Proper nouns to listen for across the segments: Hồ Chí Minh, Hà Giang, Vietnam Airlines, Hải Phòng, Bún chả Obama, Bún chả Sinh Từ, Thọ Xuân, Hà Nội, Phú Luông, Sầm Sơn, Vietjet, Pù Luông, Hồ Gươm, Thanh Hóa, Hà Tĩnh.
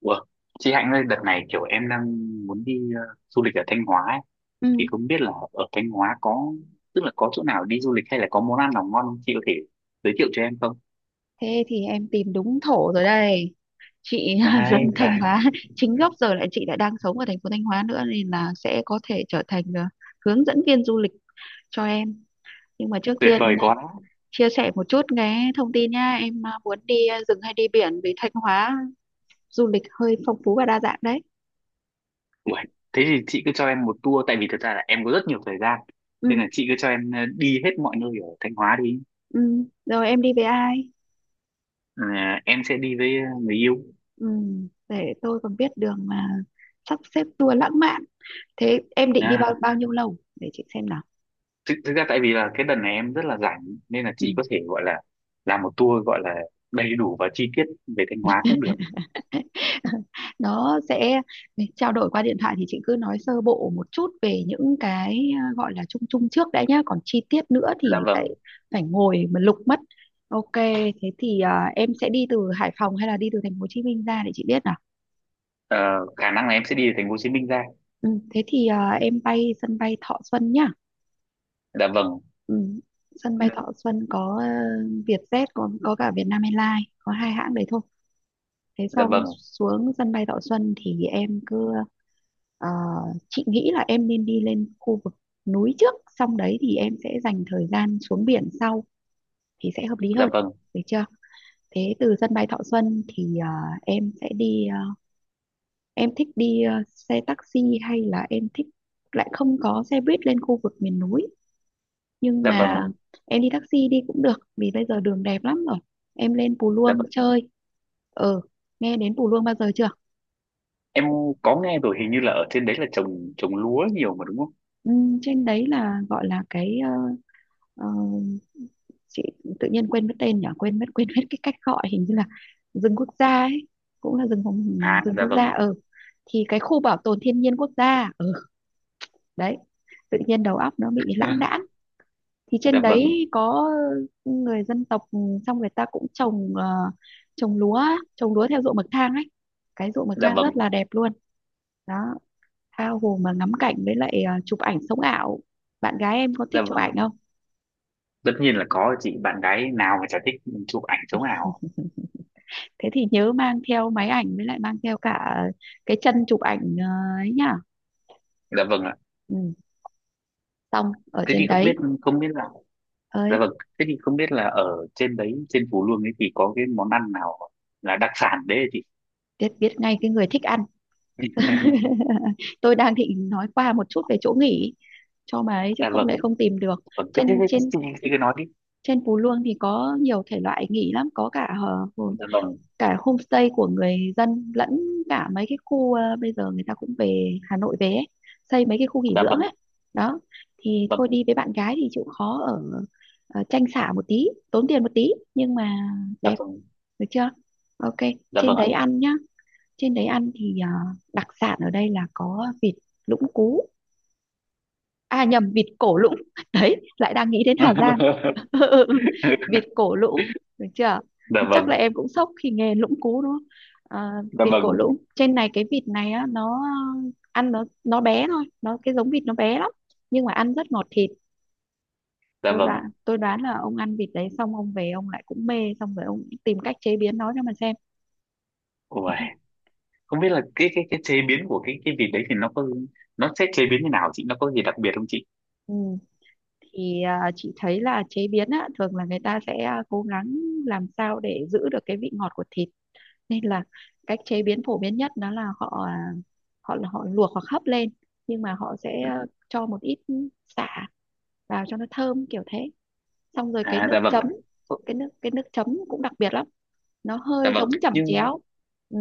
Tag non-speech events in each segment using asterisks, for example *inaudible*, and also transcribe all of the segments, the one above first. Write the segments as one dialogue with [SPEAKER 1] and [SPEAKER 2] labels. [SPEAKER 1] Ủa, chị Hạnh ơi, đợt này kiểu em đang muốn đi du lịch ở Thanh Hóa ấy. Thì
[SPEAKER 2] Ừ,
[SPEAKER 1] không biết là ở Thanh Hóa có, tức là có chỗ nào đi du lịch hay là có món ăn nào ngon không? Chị có thể giới thiệu cho em không?
[SPEAKER 2] thế thì em tìm đúng thổ rồi đây chị. *laughs*
[SPEAKER 1] Đấy,
[SPEAKER 2] Dân Thanh
[SPEAKER 1] trời,
[SPEAKER 2] Hóa chính gốc, giờ lại chị lại đang sống ở thành phố Thanh Hóa nữa, nên là sẽ có thể trở thành hướng dẫn viên du lịch cho em. Nhưng mà trước
[SPEAKER 1] tuyệt
[SPEAKER 2] tiên,
[SPEAKER 1] vời quá.
[SPEAKER 2] chia sẻ một chút cái thông tin nha em, muốn đi rừng hay đi biển, vì Thanh Hóa du lịch hơi phong phú và đa dạng đấy.
[SPEAKER 1] Ủa, thế thì chị cứ cho em một tour, tại vì thật ra là em có rất nhiều thời gian. Nên là
[SPEAKER 2] Ừ,
[SPEAKER 1] chị cứ cho em đi hết mọi nơi ở Thanh Hóa đi.
[SPEAKER 2] ừ. Rồi em đi với ai?
[SPEAKER 1] Ờ, em sẽ đi với người yêu.
[SPEAKER 2] Ừ, để tôi còn biết đường mà sắp xếp tour lãng mạn. Thế em định đi
[SPEAKER 1] À,
[SPEAKER 2] bao bao nhiêu lâu để chị xem nào?
[SPEAKER 1] thực ra tại vì là cái đợt này em rất là rảnh nên là
[SPEAKER 2] Ừ.
[SPEAKER 1] chị có thể gọi là làm một tour gọi là đầy đủ và chi tiết về Thanh Hóa cũng được.
[SPEAKER 2] *laughs* Nó sẽ trao đổi qua điện thoại, thì chị cứ nói sơ bộ một chút về những cái, gọi là chung chung trước đã nhá, còn chi tiết nữa
[SPEAKER 1] Dạ
[SPEAKER 2] thì phải
[SPEAKER 1] vâng.
[SPEAKER 2] phải ngồi mà lục mất. Ok, thế thì em sẽ đi từ Hải Phòng hay là đi từ thành phố Hồ Chí Minh ra để chị biết nào?
[SPEAKER 1] Ờ, khả năng là em sẽ đi từ thành phố Hồ Chí Minh ra.
[SPEAKER 2] Ừ, thế thì em bay sân bay Thọ Xuân nhá.
[SPEAKER 1] Dạ vâng.
[SPEAKER 2] Ừ, sân bay Thọ Xuân có Vietjet, có cả Vietnam Airlines, có hai hãng đấy thôi. Thế
[SPEAKER 1] Dạ
[SPEAKER 2] xong
[SPEAKER 1] vâng.
[SPEAKER 2] xuống sân bay Thọ Xuân thì ờ, chị nghĩ là em nên đi lên khu vực núi trước, xong đấy thì em sẽ dành thời gian xuống biển sau thì sẽ hợp lý
[SPEAKER 1] Dạ
[SPEAKER 2] hơn.
[SPEAKER 1] vâng.
[SPEAKER 2] Được chưa? Thế từ sân bay Thọ Xuân thì em sẽ đi ờ, em thích đi xe taxi hay là em thích, lại không có xe buýt lên khu vực miền núi, nhưng
[SPEAKER 1] Dạ vâng.
[SPEAKER 2] mà em đi taxi đi cũng được vì bây giờ đường đẹp lắm rồi. Em lên Pù
[SPEAKER 1] Dạ
[SPEAKER 2] Luông
[SPEAKER 1] vâng.
[SPEAKER 2] chơi. Ừ, nghe đến Pù Luông bao giờ chưa?
[SPEAKER 1] Em có nghe rồi, hình như là ở trên đấy là trồng trồng lúa nhiều mà đúng không?
[SPEAKER 2] Trên đấy là gọi là cái, ờ, chị tự nhiên quên mất tên nhỉ, quên mất cái cách gọi hình như là rừng quốc gia ấy, cũng là rừng phòng,
[SPEAKER 1] À,
[SPEAKER 2] rừng
[SPEAKER 1] dạ
[SPEAKER 2] quốc
[SPEAKER 1] vâng.
[SPEAKER 2] gia. Ừ thì cái khu bảo tồn thiên nhiên quốc gia. Ừ Đấy, tự nhiên đầu óc nó bị lãng đãng.
[SPEAKER 1] *laughs*
[SPEAKER 2] Thì
[SPEAKER 1] dạ
[SPEAKER 2] trên
[SPEAKER 1] vâng.
[SPEAKER 2] đấy có người dân tộc, xong người ta cũng trồng lúa á, trồng lúa theo ruộng bậc thang ấy, cái ruộng bậc
[SPEAKER 1] Dạ
[SPEAKER 2] thang
[SPEAKER 1] vâng.
[SPEAKER 2] rất là đẹp luôn. Đó, tha hồ mà ngắm cảnh với lại chụp ảnh sống ảo. Bạn gái em có thích
[SPEAKER 1] Dạ
[SPEAKER 2] chụp
[SPEAKER 1] vâng.
[SPEAKER 2] ảnh không?
[SPEAKER 1] Tất nhiên là có chị, bạn gái nào mà chả thích chụp ảnh chống ảo.
[SPEAKER 2] Thế thì nhớ mang theo máy ảnh với lại mang theo cả cái chân chụp ảnh, ấy nhá.
[SPEAKER 1] Dạ vâng ạ.
[SPEAKER 2] Ừ, xong ở
[SPEAKER 1] Thế
[SPEAKER 2] trên
[SPEAKER 1] thì không
[SPEAKER 2] đấy.
[SPEAKER 1] biết, không biết là, dạ
[SPEAKER 2] Ơi,
[SPEAKER 1] vâng, thế thì không biết là ở trên đấy, trên Phú Luông ấy, thì có cái món ăn nào là đặc sản đấy hả chị?
[SPEAKER 2] biết biết ngay cái người thích ăn.
[SPEAKER 1] *laughs*
[SPEAKER 2] *laughs* Tôi đang định nói qua một chút về chỗ nghỉ cho bà ấy chứ
[SPEAKER 1] dạ
[SPEAKER 2] không
[SPEAKER 1] vâng.
[SPEAKER 2] lẽ không tìm được.
[SPEAKER 1] Vâng, thế, thế,
[SPEAKER 2] trên
[SPEAKER 1] thế,
[SPEAKER 2] trên
[SPEAKER 1] chị cứ nói đi.
[SPEAKER 2] trên Phú Luông thì có nhiều thể loại nghỉ lắm, có cả ờ,
[SPEAKER 1] Dạ vâng.
[SPEAKER 2] cả homestay của người dân, lẫn cả mấy cái khu, bây giờ người ta cũng về Hà Nội về ấy, xây mấy cái khu nghỉ
[SPEAKER 1] Dạ
[SPEAKER 2] dưỡng
[SPEAKER 1] vâng.
[SPEAKER 2] ấy. Đó, thì
[SPEAKER 1] Vâng.
[SPEAKER 2] thôi đi với bạn gái thì chịu khó ở, tranh xả một tí, tốn tiền một tí, nhưng mà
[SPEAKER 1] Dạ
[SPEAKER 2] đẹp.
[SPEAKER 1] vâng.
[SPEAKER 2] Được chưa? Ok.
[SPEAKER 1] Dạ
[SPEAKER 2] Trên
[SPEAKER 1] vâng ạ.
[SPEAKER 2] đấy ăn nhá. Trên đấy ăn thì đặc sản ở đây là có vịt lũng cú, à nhầm, vịt cổ
[SPEAKER 1] Dạ.
[SPEAKER 2] lũng. *laughs* Đấy lại đang nghĩ đến Hà Giang.
[SPEAKER 1] *laughs*
[SPEAKER 2] *laughs* Vịt cổ lũng. Được chưa?
[SPEAKER 1] Dạ
[SPEAKER 2] Chắc
[SPEAKER 1] vâng.
[SPEAKER 2] là em cũng sốc khi nghe lũng cú đúng không? À,
[SPEAKER 1] Dạ
[SPEAKER 2] vịt cổ
[SPEAKER 1] vâng.
[SPEAKER 2] lũng trên này, cái vịt này á, nó ăn nó bé thôi, nó cái giống vịt nó bé lắm nhưng mà ăn rất ngọt thịt.
[SPEAKER 1] Dạ
[SPEAKER 2] tôi
[SPEAKER 1] vâng.
[SPEAKER 2] đoán tôi đoán là ông ăn vịt đấy xong ông về ông lại cũng mê, xong rồi ông tìm cách chế biến nó cho mà xem.
[SPEAKER 1] Ôi, không biết là cái chế biến của cái vịt đấy thì nó có, nó sẽ chế biến như nào chị, nó có gì đặc biệt không chị?
[SPEAKER 2] Ừ, thì chị thấy là chế biến á, thường là người ta sẽ, cố gắng làm sao để giữ được cái vị ngọt của thịt, nên là cách chế biến phổ biến nhất đó là họ, họ luộc hoặc hấp lên. Nhưng mà họ sẽ cho một ít sả vào cho nó thơm kiểu thế, xong rồi
[SPEAKER 1] À, dạ vâng. Ờ,
[SPEAKER 2] cái nước chấm cũng đặc biệt lắm, nó
[SPEAKER 1] dạ
[SPEAKER 2] hơi
[SPEAKER 1] vâng.
[SPEAKER 2] giống chẩm
[SPEAKER 1] nhưng
[SPEAKER 2] chéo. Ừ.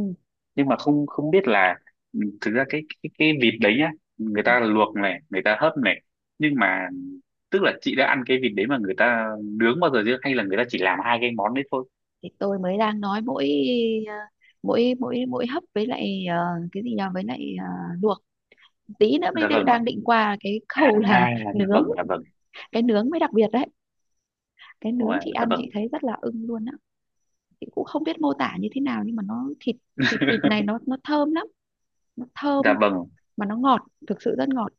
[SPEAKER 1] nhưng mà không không biết là, thực ra cái vịt đấy nhá, người
[SPEAKER 2] Ừ.
[SPEAKER 1] ta luộc này, người ta hấp này, nhưng mà tức là chị đã ăn cái vịt đấy mà người ta nướng bao giờ chưa, hay là người ta chỉ làm hai cái món đấy thôi?
[SPEAKER 2] Thì tôi mới đang nói mỗi, ờ, mỗi mỗi mỗi hấp với lại, cái gì nhỉ, với lại luộc, tí nữa mới
[SPEAKER 1] Dạ
[SPEAKER 2] tự
[SPEAKER 1] vâng.
[SPEAKER 2] đang định qua cái
[SPEAKER 1] À,
[SPEAKER 2] khâu là
[SPEAKER 1] dạ
[SPEAKER 2] *laughs* nướng.
[SPEAKER 1] vâng. Dạ vâng.
[SPEAKER 2] Cái nướng mới đặc biệt đấy, cái nướng
[SPEAKER 1] Ôi,
[SPEAKER 2] chị
[SPEAKER 1] dạ
[SPEAKER 2] ăn chị
[SPEAKER 1] vâng.
[SPEAKER 2] thấy rất là ưng luôn. Chị cũng không biết mô tả như thế nào, nhưng mà nó thịt thịt vịt này nó thơm lắm, nó thơm
[SPEAKER 1] Dạ vâng.
[SPEAKER 2] mà nó ngọt, thực sự rất ngọt.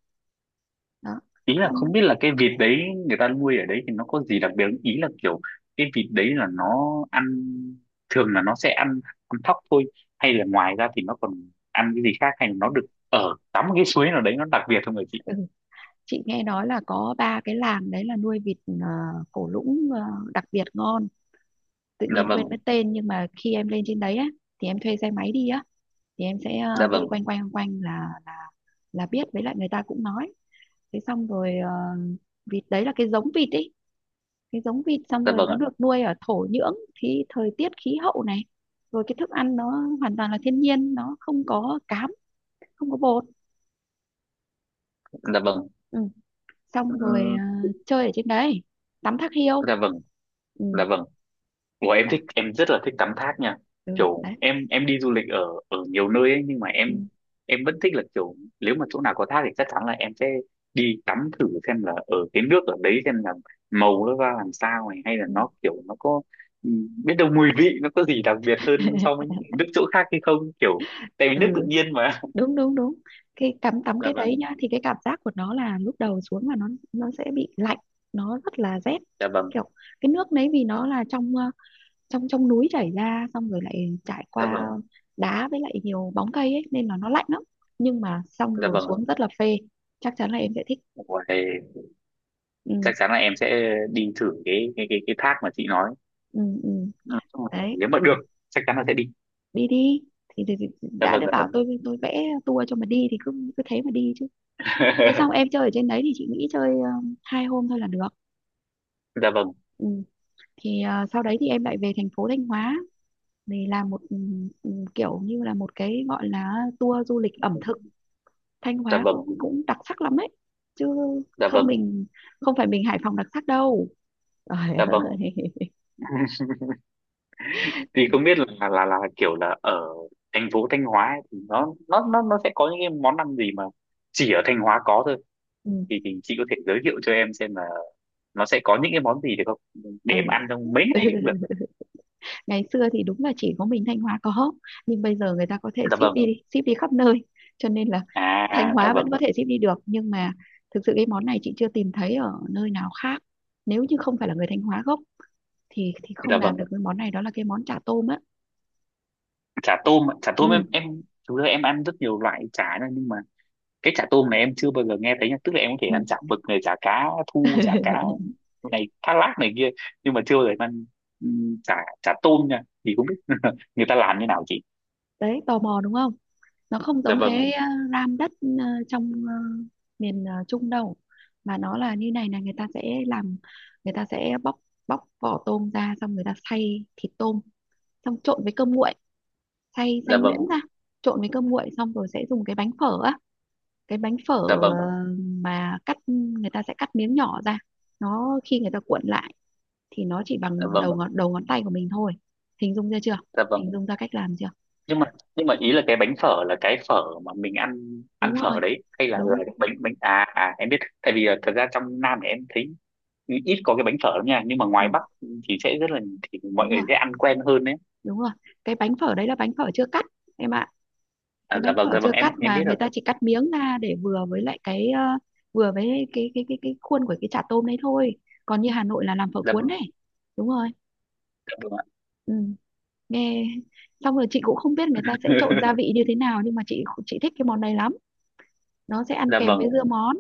[SPEAKER 2] Đó
[SPEAKER 1] Ý là
[SPEAKER 2] xong.
[SPEAKER 1] không biết là cái vịt đấy người ta nuôi ở đấy thì nó có gì đặc biệt không? Ý là kiểu cái vịt đấy là nó ăn, thường là nó sẽ ăn ăn thóc thôi, hay là ngoài ra thì nó còn ăn cái gì khác, hay là nó được ở tắm cái suối nào đấy nó đặc biệt không người chị?
[SPEAKER 2] Ừ, chị nghe nói là có ba cái làng đấy là nuôi vịt, cổ lũng, đặc biệt ngon, tự
[SPEAKER 1] Dạ
[SPEAKER 2] nhiên
[SPEAKER 1] vâng.
[SPEAKER 2] quên mất tên. Nhưng mà khi em lên trên đấy á thì em thuê xe máy đi á, thì em sẽ
[SPEAKER 1] Dạ
[SPEAKER 2] đi
[SPEAKER 1] vâng.
[SPEAKER 2] quanh quanh quanh quanh là biết, với lại người ta cũng nói. Thế xong rồi vịt đấy là cái giống vịt ý, cái giống vịt, xong
[SPEAKER 1] Dạ
[SPEAKER 2] rồi
[SPEAKER 1] vâng
[SPEAKER 2] nó
[SPEAKER 1] ạ.
[SPEAKER 2] được nuôi ở thổ nhưỡng thì thời tiết khí hậu này, rồi cái thức ăn nó hoàn toàn là thiên nhiên, nó không có cám, không có bột.
[SPEAKER 1] Dạ vâng.
[SPEAKER 2] Ừ, xong rồi
[SPEAKER 1] Ừm.
[SPEAKER 2] chơi ở trên đấy tắm thác hiêu.
[SPEAKER 1] Dạ vâng.
[SPEAKER 2] Ừ.
[SPEAKER 1] Dạ vâng. Ủa, em
[SPEAKER 2] Đã.
[SPEAKER 1] thích em rất là thích tắm thác nha.
[SPEAKER 2] Ừ,
[SPEAKER 1] Kiểu
[SPEAKER 2] đấy.
[SPEAKER 1] em đi du lịch ở ở nhiều nơi ấy, nhưng mà
[SPEAKER 2] Ừ.
[SPEAKER 1] em vẫn thích là kiểu nếu mà chỗ nào có thác thì chắc chắn là em sẽ đi tắm thử xem là ở cái nước ở đấy, xem là màu nó ra làm sao này, hay là
[SPEAKER 2] Ừ.
[SPEAKER 1] nó kiểu nó có, ừ, biết đâu mùi vị nó có gì đặc biệt hơn so
[SPEAKER 2] *laughs*
[SPEAKER 1] với những nước chỗ khác hay không kiểu, tại vì nước tự
[SPEAKER 2] Ừ,
[SPEAKER 1] nhiên mà.
[SPEAKER 2] đúng đúng đúng. Cái tắm
[SPEAKER 1] *laughs*
[SPEAKER 2] tắm
[SPEAKER 1] dạ
[SPEAKER 2] cái đấy
[SPEAKER 1] vâng.
[SPEAKER 2] nhá, thì cái cảm giác của nó là lúc đầu xuống là nó sẽ bị lạnh, nó rất là rét
[SPEAKER 1] Dạ vâng.
[SPEAKER 2] kiểu. Cái nước đấy vì nó là trong, ờ, trong trong núi chảy ra, xong rồi lại trải
[SPEAKER 1] Dạ
[SPEAKER 2] qua
[SPEAKER 1] vâng.
[SPEAKER 2] đá với lại nhiều bóng cây ấy nên là nó lạnh lắm. Nhưng mà xong
[SPEAKER 1] Dạ
[SPEAKER 2] rồi
[SPEAKER 1] vâng.
[SPEAKER 2] xuống rất là phê, chắc chắn là em sẽ thích.
[SPEAKER 1] Ủa, thì
[SPEAKER 2] Ừ,
[SPEAKER 1] chắc chắn là em sẽ đi thử cái thác mà chị nói.
[SPEAKER 2] ừ, ừ.
[SPEAKER 1] Ừ,
[SPEAKER 2] Đấy,
[SPEAKER 1] nếu mà được chắc chắn là sẽ đi.
[SPEAKER 2] đi đi. Thì
[SPEAKER 1] Dạ
[SPEAKER 2] đã
[SPEAKER 1] vâng.
[SPEAKER 2] đã
[SPEAKER 1] Dạ
[SPEAKER 2] bảo
[SPEAKER 1] vâng.
[SPEAKER 2] tôi, vẽ tour cho mà đi thì cứ cứ thế mà đi chứ. Thế xong em
[SPEAKER 1] *laughs*
[SPEAKER 2] chơi ở trên đấy thì chị nghĩ chơi hai hôm thôi là được.
[SPEAKER 1] dạ vâng.
[SPEAKER 2] Ừ, thì sau đấy thì em lại về thành phố Thanh Hóa để làm một, kiểu như là một cái gọi là tour du lịch ẩm thực, Thanh
[SPEAKER 1] Dạ
[SPEAKER 2] Hóa
[SPEAKER 1] vâng.
[SPEAKER 2] cũng cũng đặc sắc lắm ấy chứ,
[SPEAKER 1] Dạ
[SPEAKER 2] không
[SPEAKER 1] vâng.
[SPEAKER 2] mình không phải mình Hải Phòng đặc sắc đâu. Trời
[SPEAKER 1] Dạ vâng.
[SPEAKER 2] ơi.
[SPEAKER 1] Thì không biết là kiểu là ở thành phố Thanh Hóa ấy, thì nó sẽ có những cái món ăn gì mà chỉ ở Thanh Hóa có thôi,
[SPEAKER 2] *laughs* Ừ.
[SPEAKER 1] thì chị có thể giới thiệu cho em xem là nó sẽ có những cái món gì được không, để em
[SPEAKER 2] Ừ.
[SPEAKER 1] ăn trong mấy ngày cũng được?
[SPEAKER 2] *laughs* Ngày xưa thì đúng là chỉ có mình Thanh Hóa có, nhưng bây giờ người ta có thể
[SPEAKER 1] Dạ vâng.
[SPEAKER 2] ship đi khắp nơi, cho nên là Thanh
[SPEAKER 1] À, dạ
[SPEAKER 2] Hóa
[SPEAKER 1] vâng.
[SPEAKER 2] vẫn có thể ship đi được nhưng mà thực sự cái món này chị chưa tìm thấy ở nơi nào khác, nếu như không phải là người Thanh Hóa gốc thì không
[SPEAKER 1] Dạ
[SPEAKER 2] làm
[SPEAKER 1] vâng.
[SPEAKER 2] được cái món này, đó là cái món chả tôm á.
[SPEAKER 1] Chả tôm ạ. Chả tôm em
[SPEAKER 2] Ừ.
[SPEAKER 1] em thực ra em ăn rất nhiều loại chả nhá, nhưng mà cái chả tôm này em chưa bao giờ nghe thấy nha, tức là em có thể
[SPEAKER 2] Ừ.
[SPEAKER 1] ăn chả mực này, chả cá thu, chả cá
[SPEAKER 2] *laughs*
[SPEAKER 1] này, thác lác này kia, nhưng mà chưa bao giờ em ăn chả chả tôm nha, thì không biết *laughs* người ta làm như nào chị?
[SPEAKER 2] Đấy, tò mò đúng không? Nó không
[SPEAKER 1] Dạ
[SPEAKER 2] giống
[SPEAKER 1] vâng.
[SPEAKER 2] cái, ram đất trong miền Trung đâu, mà nó là như này, là người ta sẽ làm, người ta sẽ bóc bóc vỏ tôm ra, xong người ta xay thịt tôm, xong trộn với cơm nguội, xay xay
[SPEAKER 1] Dạ vâng.
[SPEAKER 2] nhuyễn ra, trộn với cơm nguội, xong rồi sẽ dùng cái bánh phở á, cái bánh phở
[SPEAKER 1] Dạ vâng.
[SPEAKER 2] ờ, mà cắt, người ta sẽ cắt miếng nhỏ ra. Nó khi người ta cuộn lại thì nó chỉ
[SPEAKER 1] Dạ
[SPEAKER 2] bằng
[SPEAKER 1] vâng.
[SPEAKER 2] đầu ngón tay của mình thôi. Hình dung ra chưa?
[SPEAKER 1] Dạ vâng.
[SPEAKER 2] Hình dung ra cách làm chưa?
[SPEAKER 1] Nhưng mà nhưng mà ý là cái bánh phở là cái phở mà mình ăn ăn
[SPEAKER 2] Đúng rồi,
[SPEAKER 1] phở đấy, hay là
[SPEAKER 2] đúng.
[SPEAKER 1] cái bánh bánh à, à em biết. Tại vì thật ra trong Nam này em thấy ít có cái bánh phở lắm nha, nhưng mà ngoài
[SPEAKER 2] Ừ,
[SPEAKER 1] Bắc thì sẽ rất là, thì mọi
[SPEAKER 2] đúng
[SPEAKER 1] người
[SPEAKER 2] rồi,
[SPEAKER 1] sẽ ăn quen hơn đấy.
[SPEAKER 2] đúng rồi, cái bánh phở đấy là bánh phở chưa cắt em ạ. Cái
[SPEAKER 1] À, dạ
[SPEAKER 2] bánh
[SPEAKER 1] vâng.
[SPEAKER 2] phở
[SPEAKER 1] Dạ
[SPEAKER 2] chưa
[SPEAKER 1] vâng.
[SPEAKER 2] cắt
[SPEAKER 1] Em
[SPEAKER 2] mà
[SPEAKER 1] biết
[SPEAKER 2] người
[SPEAKER 1] rồi.
[SPEAKER 2] ta chỉ cắt miếng ra để vừa với lại cái, ờ, vừa với cái khuôn của cái chả tôm đấy thôi, còn như Hà Nội là làm phở
[SPEAKER 1] Dạ
[SPEAKER 2] cuốn
[SPEAKER 1] vâng.
[SPEAKER 2] này. Đúng rồi.
[SPEAKER 1] Dạ vâng.
[SPEAKER 2] Ừ. Nghe, xong rồi chị cũng không biết người ta sẽ trộn gia vị
[SPEAKER 1] *laughs*
[SPEAKER 2] như thế nào nhưng mà chị thích cái món này lắm, nó sẽ ăn
[SPEAKER 1] dạ
[SPEAKER 2] kèm
[SPEAKER 1] vâng.
[SPEAKER 2] với dưa món.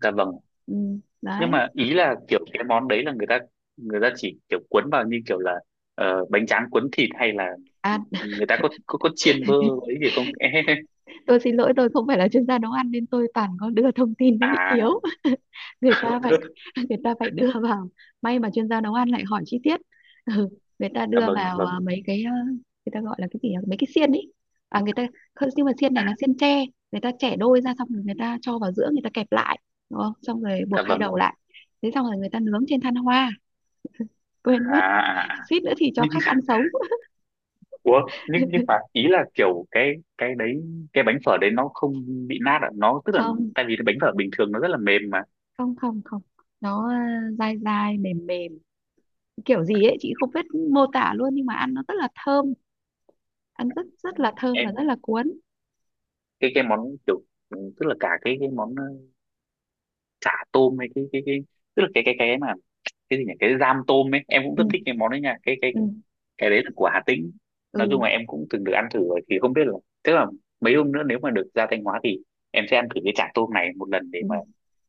[SPEAKER 1] Dạ vâng.
[SPEAKER 2] Ừ.
[SPEAKER 1] Nhưng
[SPEAKER 2] Đấy.
[SPEAKER 1] mà ý là kiểu cái món đấy là người ta chỉ kiểu cuốn vào như kiểu là bánh tráng cuốn thịt, hay là
[SPEAKER 2] À,
[SPEAKER 1] người ta có chiên bơ ấy gì không? *laughs*
[SPEAKER 2] tôi xin lỗi, tôi không phải là chuyên gia nấu ăn nên tôi toàn có đưa thông tin nó bị
[SPEAKER 1] à,
[SPEAKER 2] thiếu. *laughs* người ta phải Người ta phải đưa vào, may mà chuyên gia nấu ăn lại hỏi chi tiết. *laughs* Ừ, người ta
[SPEAKER 1] dạ
[SPEAKER 2] đưa
[SPEAKER 1] vâng. Dạ
[SPEAKER 2] vào,
[SPEAKER 1] vâng.
[SPEAKER 2] mấy cái, người ta gọi là cái gì nhỉ? Mấy cái xiên ấy. À người ta, không, nhưng mà xiên
[SPEAKER 1] À,
[SPEAKER 2] này là xiên tre, người ta chẻ đôi ra xong rồi người ta cho vào giữa, người ta kẹp lại đúng không, xong rồi buộc
[SPEAKER 1] dạ
[SPEAKER 2] hai
[SPEAKER 1] vâng.
[SPEAKER 2] đầu lại. Thế xong rồi người ta nướng trên than hoa, quên
[SPEAKER 1] À,
[SPEAKER 2] mất.
[SPEAKER 1] à,
[SPEAKER 2] *laughs*
[SPEAKER 1] à.
[SPEAKER 2] Suýt nữa thì cho khách ăn sống. *laughs*
[SPEAKER 1] Ủa, nhưng mà ý là kiểu cái đấy, cái bánh phở đấy nó không bị nát à, nó tức là,
[SPEAKER 2] Không
[SPEAKER 1] tại vì cái bánh phở bình thường nó rất là mềm mà.
[SPEAKER 2] không không không, nó dai dai mềm mềm kiểu gì ấy chị không biết mô tả luôn, nhưng mà ăn nó rất là thơm, ăn rất rất là thơm và
[SPEAKER 1] Em
[SPEAKER 2] rất là cuốn.
[SPEAKER 1] cái món kiểu, tức là cả cái món chả tôm, hay cái, tức là cái mà, cái gì nhỉ, cái giam tôm ấy, em cũng rất thích
[SPEAKER 2] Ừ
[SPEAKER 1] cái món đấy nha, cái cái
[SPEAKER 2] ừ
[SPEAKER 1] cái đấy là của Hà Tĩnh. Nói chung
[SPEAKER 2] ừ,
[SPEAKER 1] là em cũng từng được ăn thử rồi, thì không biết là, tức là mấy hôm nữa nếu mà được ra Thanh Hóa thì em sẽ ăn thử cái chả tôm này một lần để
[SPEAKER 2] ừ.
[SPEAKER 1] mà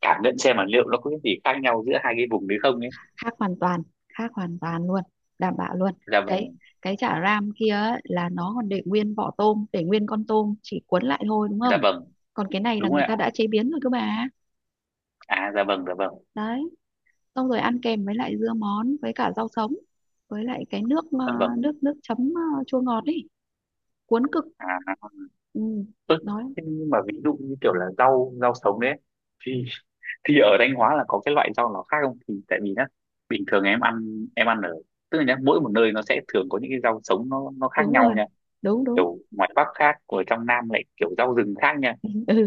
[SPEAKER 1] cảm nhận xem là liệu nó có cái gì khác nhau giữa hai cái vùng đấy không ấy.
[SPEAKER 2] Khác hoàn toàn, khác hoàn toàn luôn, đảm bảo luôn.
[SPEAKER 1] Dạ
[SPEAKER 2] cái
[SPEAKER 1] vâng.
[SPEAKER 2] cái chả ram kia ấy, là nó còn để nguyên vỏ tôm, để nguyên con tôm chỉ cuốn lại thôi đúng
[SPEAKER 1] Dạ
[SPEAKER 2] không?
[SPEAKER 1] vâng.
[SPEAKER 2] Còn cái này là
[SPEAKER 1] Đúng rồi
[SPEAKER 2] người
[SPEAKER 1] ạ.
[SPEAKER 2] ta đã chế biến rồi cơ bà.
[SPEAKER 1] À, dạ vâng. Dạ vâng.
[SPEAKER 2] Đấy, xong rồi ăn kèm với lại dưa món với cả rau sống, với lại cái nước ờ,
[SPEAKER 1] Dạ vâng.
[SPEAKER 2] nước nước chấm, chua ngọt ấy, cuốn cực.
[SPEAKER 1] À,
[SPEAKER 2] Ừ,
[SPEAKER 1] ớ,
[SPEAKER 2] nói
[SPEAKER 1] thế nhưng mà ví dụ như kiểu là rau rau sống đấy ấy, thì thì ở Thanh Hóa là có cái loại rau nào khác không, thì tại vì nhá bình thường em ăn ở, tức là nhá, mỗi một nơi nó sẽ thường có những cái rau sống nó khác
[SPEAKER 2] đúng
[SPEAKER 1] nhau
[SPEAKER 2] rồi,
[SPEAKER 1] nha,
[SPEAKER 2] đúng đúng.
[SPEAKER 1] kiểu ngoài Bắc khác ở trong Nam lại kiểu rau rừng khác nha.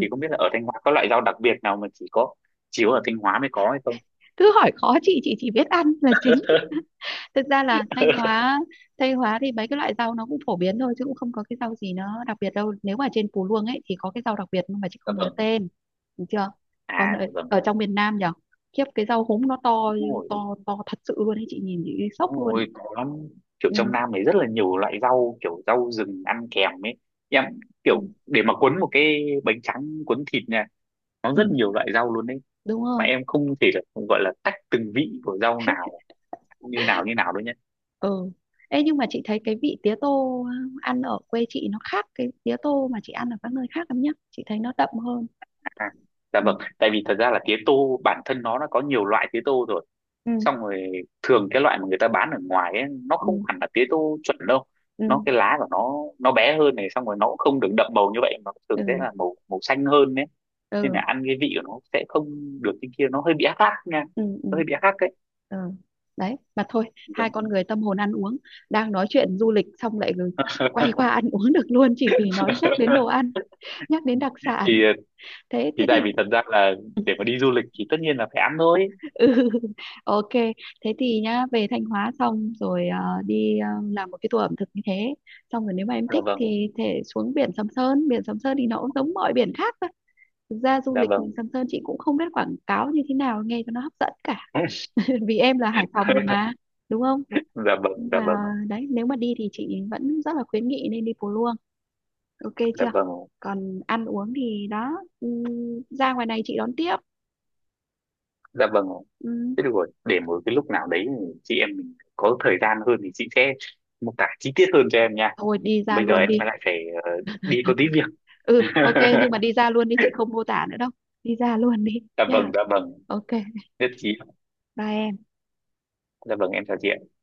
[SPEAKER 1] Thì không biết là ở Thanh Hóa có loại rau đặc biệt nào mà chỉ có ở Thanh Hóa mới có hay không?
[SPEAKER 2] cứ hỏi khó chị chỉ biết ăn là chính.
[SPEAKER 1] *laughs*
[SPEAKER 2] Thực ra là Thanh Hóa, Tây Hóa, thì mấy cái loại rau nó cũng phổ biến thôi chứ cũng không có cái rau gì nó đặc biệt đâu, nếu mà trên phú Luông ấy thì có cái rau đặc biệt nhưng mà chị
[SPEAKER 1] dạ
[SPEAKER 2] không nhớ
[SPEAKER 1] vâng.
[SPEAKER 2] tên. Được chưa? Còn
[SPEAKER 1] À, dạ vâng.
[SPEAKER 2] ở trong miền Nam nhỉ, khiếp cái rau húng nó to,
[SPEAKER 1] Đúng rồi,
[SPEAKER 2] to to thật sự luôn ấy, chị nhìn chị sốc
[SPEAKER 1] đúng
[SPEAKER 2] luôn ấy.
[SPEAKER 1] rồi, có lắm, kiểu
[SPEAKER 2] Ừ,
[SPEAKER 1] trong Nam này rất là nhiều loại rau, kiểu rau rừng ăn kèm ấy. Em
[SPEAKER 2] ừ,
[SPEAKER 1] kiểu để mà cuốn một cái bánh tráng cuốn thịt nha, nó
[SPEAKER 2] ừ,
[SPEAKER 1] rất nhiều loại rau luôn đấy,
[SPEAKER 2] đúng
[SPEAKER 1] mà
[SPEAKER 2] rồi.
[SPEAKER 1] em không thể là gọi là tách từng vị của rau nào như nào như nào đâu nhé.
[SPEAKER 2] Ừ, ê, nhưng mà chị thấy cái vị tía tô ăn ở quê chị nó khác cái tía tô mà chị ăn ở các nơi khác lắm nhá, chị thấy nó đậm hơn.
[SPEAKER 1] À, dạ
[SPEAKER 2] Ừ,
[SPEAKER 1] vâng, tại vì thật ra là tía tô bản thân nó đã có nhiều loại tía tô rồi,
[SPEAKER 2] ừ,
[SPEAKER 1] xong rồi thường cái loại mà người ta bán ở ngoài ấy, nó không
[SPEAKER 2] ừ,
[SPEAKER 1] hẳn là tía tô chuẩn đâu,
[SPEAKER 2] ừ.
[SPEAKER 1] nó cái lá của nó bé hơn này, xong rồi nó cũng không được đậm màu như vậy mà thường sẽ
[SPEAKER 2] Ừ
[SPEAKER 1] là màu màu xanh hơn đấy, nên là
[SPEAKER 2] ừ
[SPEAKER 1] ăn cái vị của nó sẽ không được, cái kia nó hơi bị ác ác nha,
[SPEAKER 2] ừ ừ
[SPEAKER 1] nó hơi bị ác ác đấy.
[SPEAKER 2] ừ. Đấy mà thôi, hai
[SPEAKER 1] Đúng.
[SPEAKER 2] con người tâm hồn ăn uống đang nói chuyện du lịch xong lại rồi quay qua ăn uống được luôn, chỉ vì nhắc đến đồ
[SPEAKER 1] *laughs*
[SPEAKER 2] ăn, nhắc đến đặc sản.
[SPEAKER 1] thì
[SPEAKER 2] thế
[SPEAKER 1] thì
[SPEAKER 2] thế thì.
[SPEAKER 1] tại vì thật ra là để mà đi du lịch thì tất nhiên là phải ăn thôi.
[SPEAKER 2] Ừ. *laughs* Ok, thế thì nhá, về Thanh Hóa xong rồi đi, làm một cái tour ẩm thực như thế, xong rồi nếu mà em
[SPEAKER 1] Dạ
[SPEAKER 2] thích
[SPEAKER 1] vâng.
[SPEAKER 2] thì thể xuống biển Sầm Sơn. Biển Sầm Sơn thì nó cũng giống mọi biển khác thôi, thực ra du
[SPEAKER 1] Dạ
[SPEAKER 2] lịch
[SPEAKER 1] vâng.
[SPEAKER 2] Sầm Sơn chị cũng không biết quảng cáo như thế nào nghe cho nó hấp dẫn cả. *laughs* Vì em là Hải Phòng rồi mà,
[SPEAKER 1] *laughs*
[SPEAKER 2] đúng không?
[SPEAKER 1] dạ vâng.
[SPEAKER 2] Nhưng
[SPEAKER 1] Dạ
[SPEAKER 2] mà
[SPEAKER 1] vâng.
[SPEAKER 2] đấy, nếu mà đi thì chị vẫn rất là khuyến nghị nên đi Pù Luông. Ok
[SPEAKER 1] Dạ
[SPEAKER 2] chưa?
[SPEAKER 1] vâng.
[SPEAKER 2] Còn ăn uống thì đó. ừm, Ra ngoài này chị đón tiếp.
[SPEAKER 1] Dạ vâng.
[SPEAKER 2] Ừm,
[SPEAKER 1] Thế được rồi, để một cái lúc nào đấy chị em mình có thời gian hơn thì chị sẽ mô tả chi tiết hơn cho em nha,
[SPEAKER 2] Thôi đi ra
[SPEAKER 1] bây giờ
[SPEAKER 2] luôn
[SPEAKER 1] em
[SPEAKER 2] đi.
[SPEAKER 1] lại phải ờ, đi có tí việc.
[SPEAKER 2] Ừ, ok, nhưng
[SPEAKER 1] *laughs*
[SPEAKER 2] mà đi ra luôn đi chị không mô tả nữa đâu. Đi ra luôn đi
[SPEAKER 1] dạ
[SPEAKER 2] nha.
[SPEAKER 1] vâng. Dạ vâng.
[SPEAKER 2] Ok,
[SPEAKER 1] Nhất trí.
[SPEAKER 2] bye em.
[SPEAKER 1] Dạ vâng, em chào chị.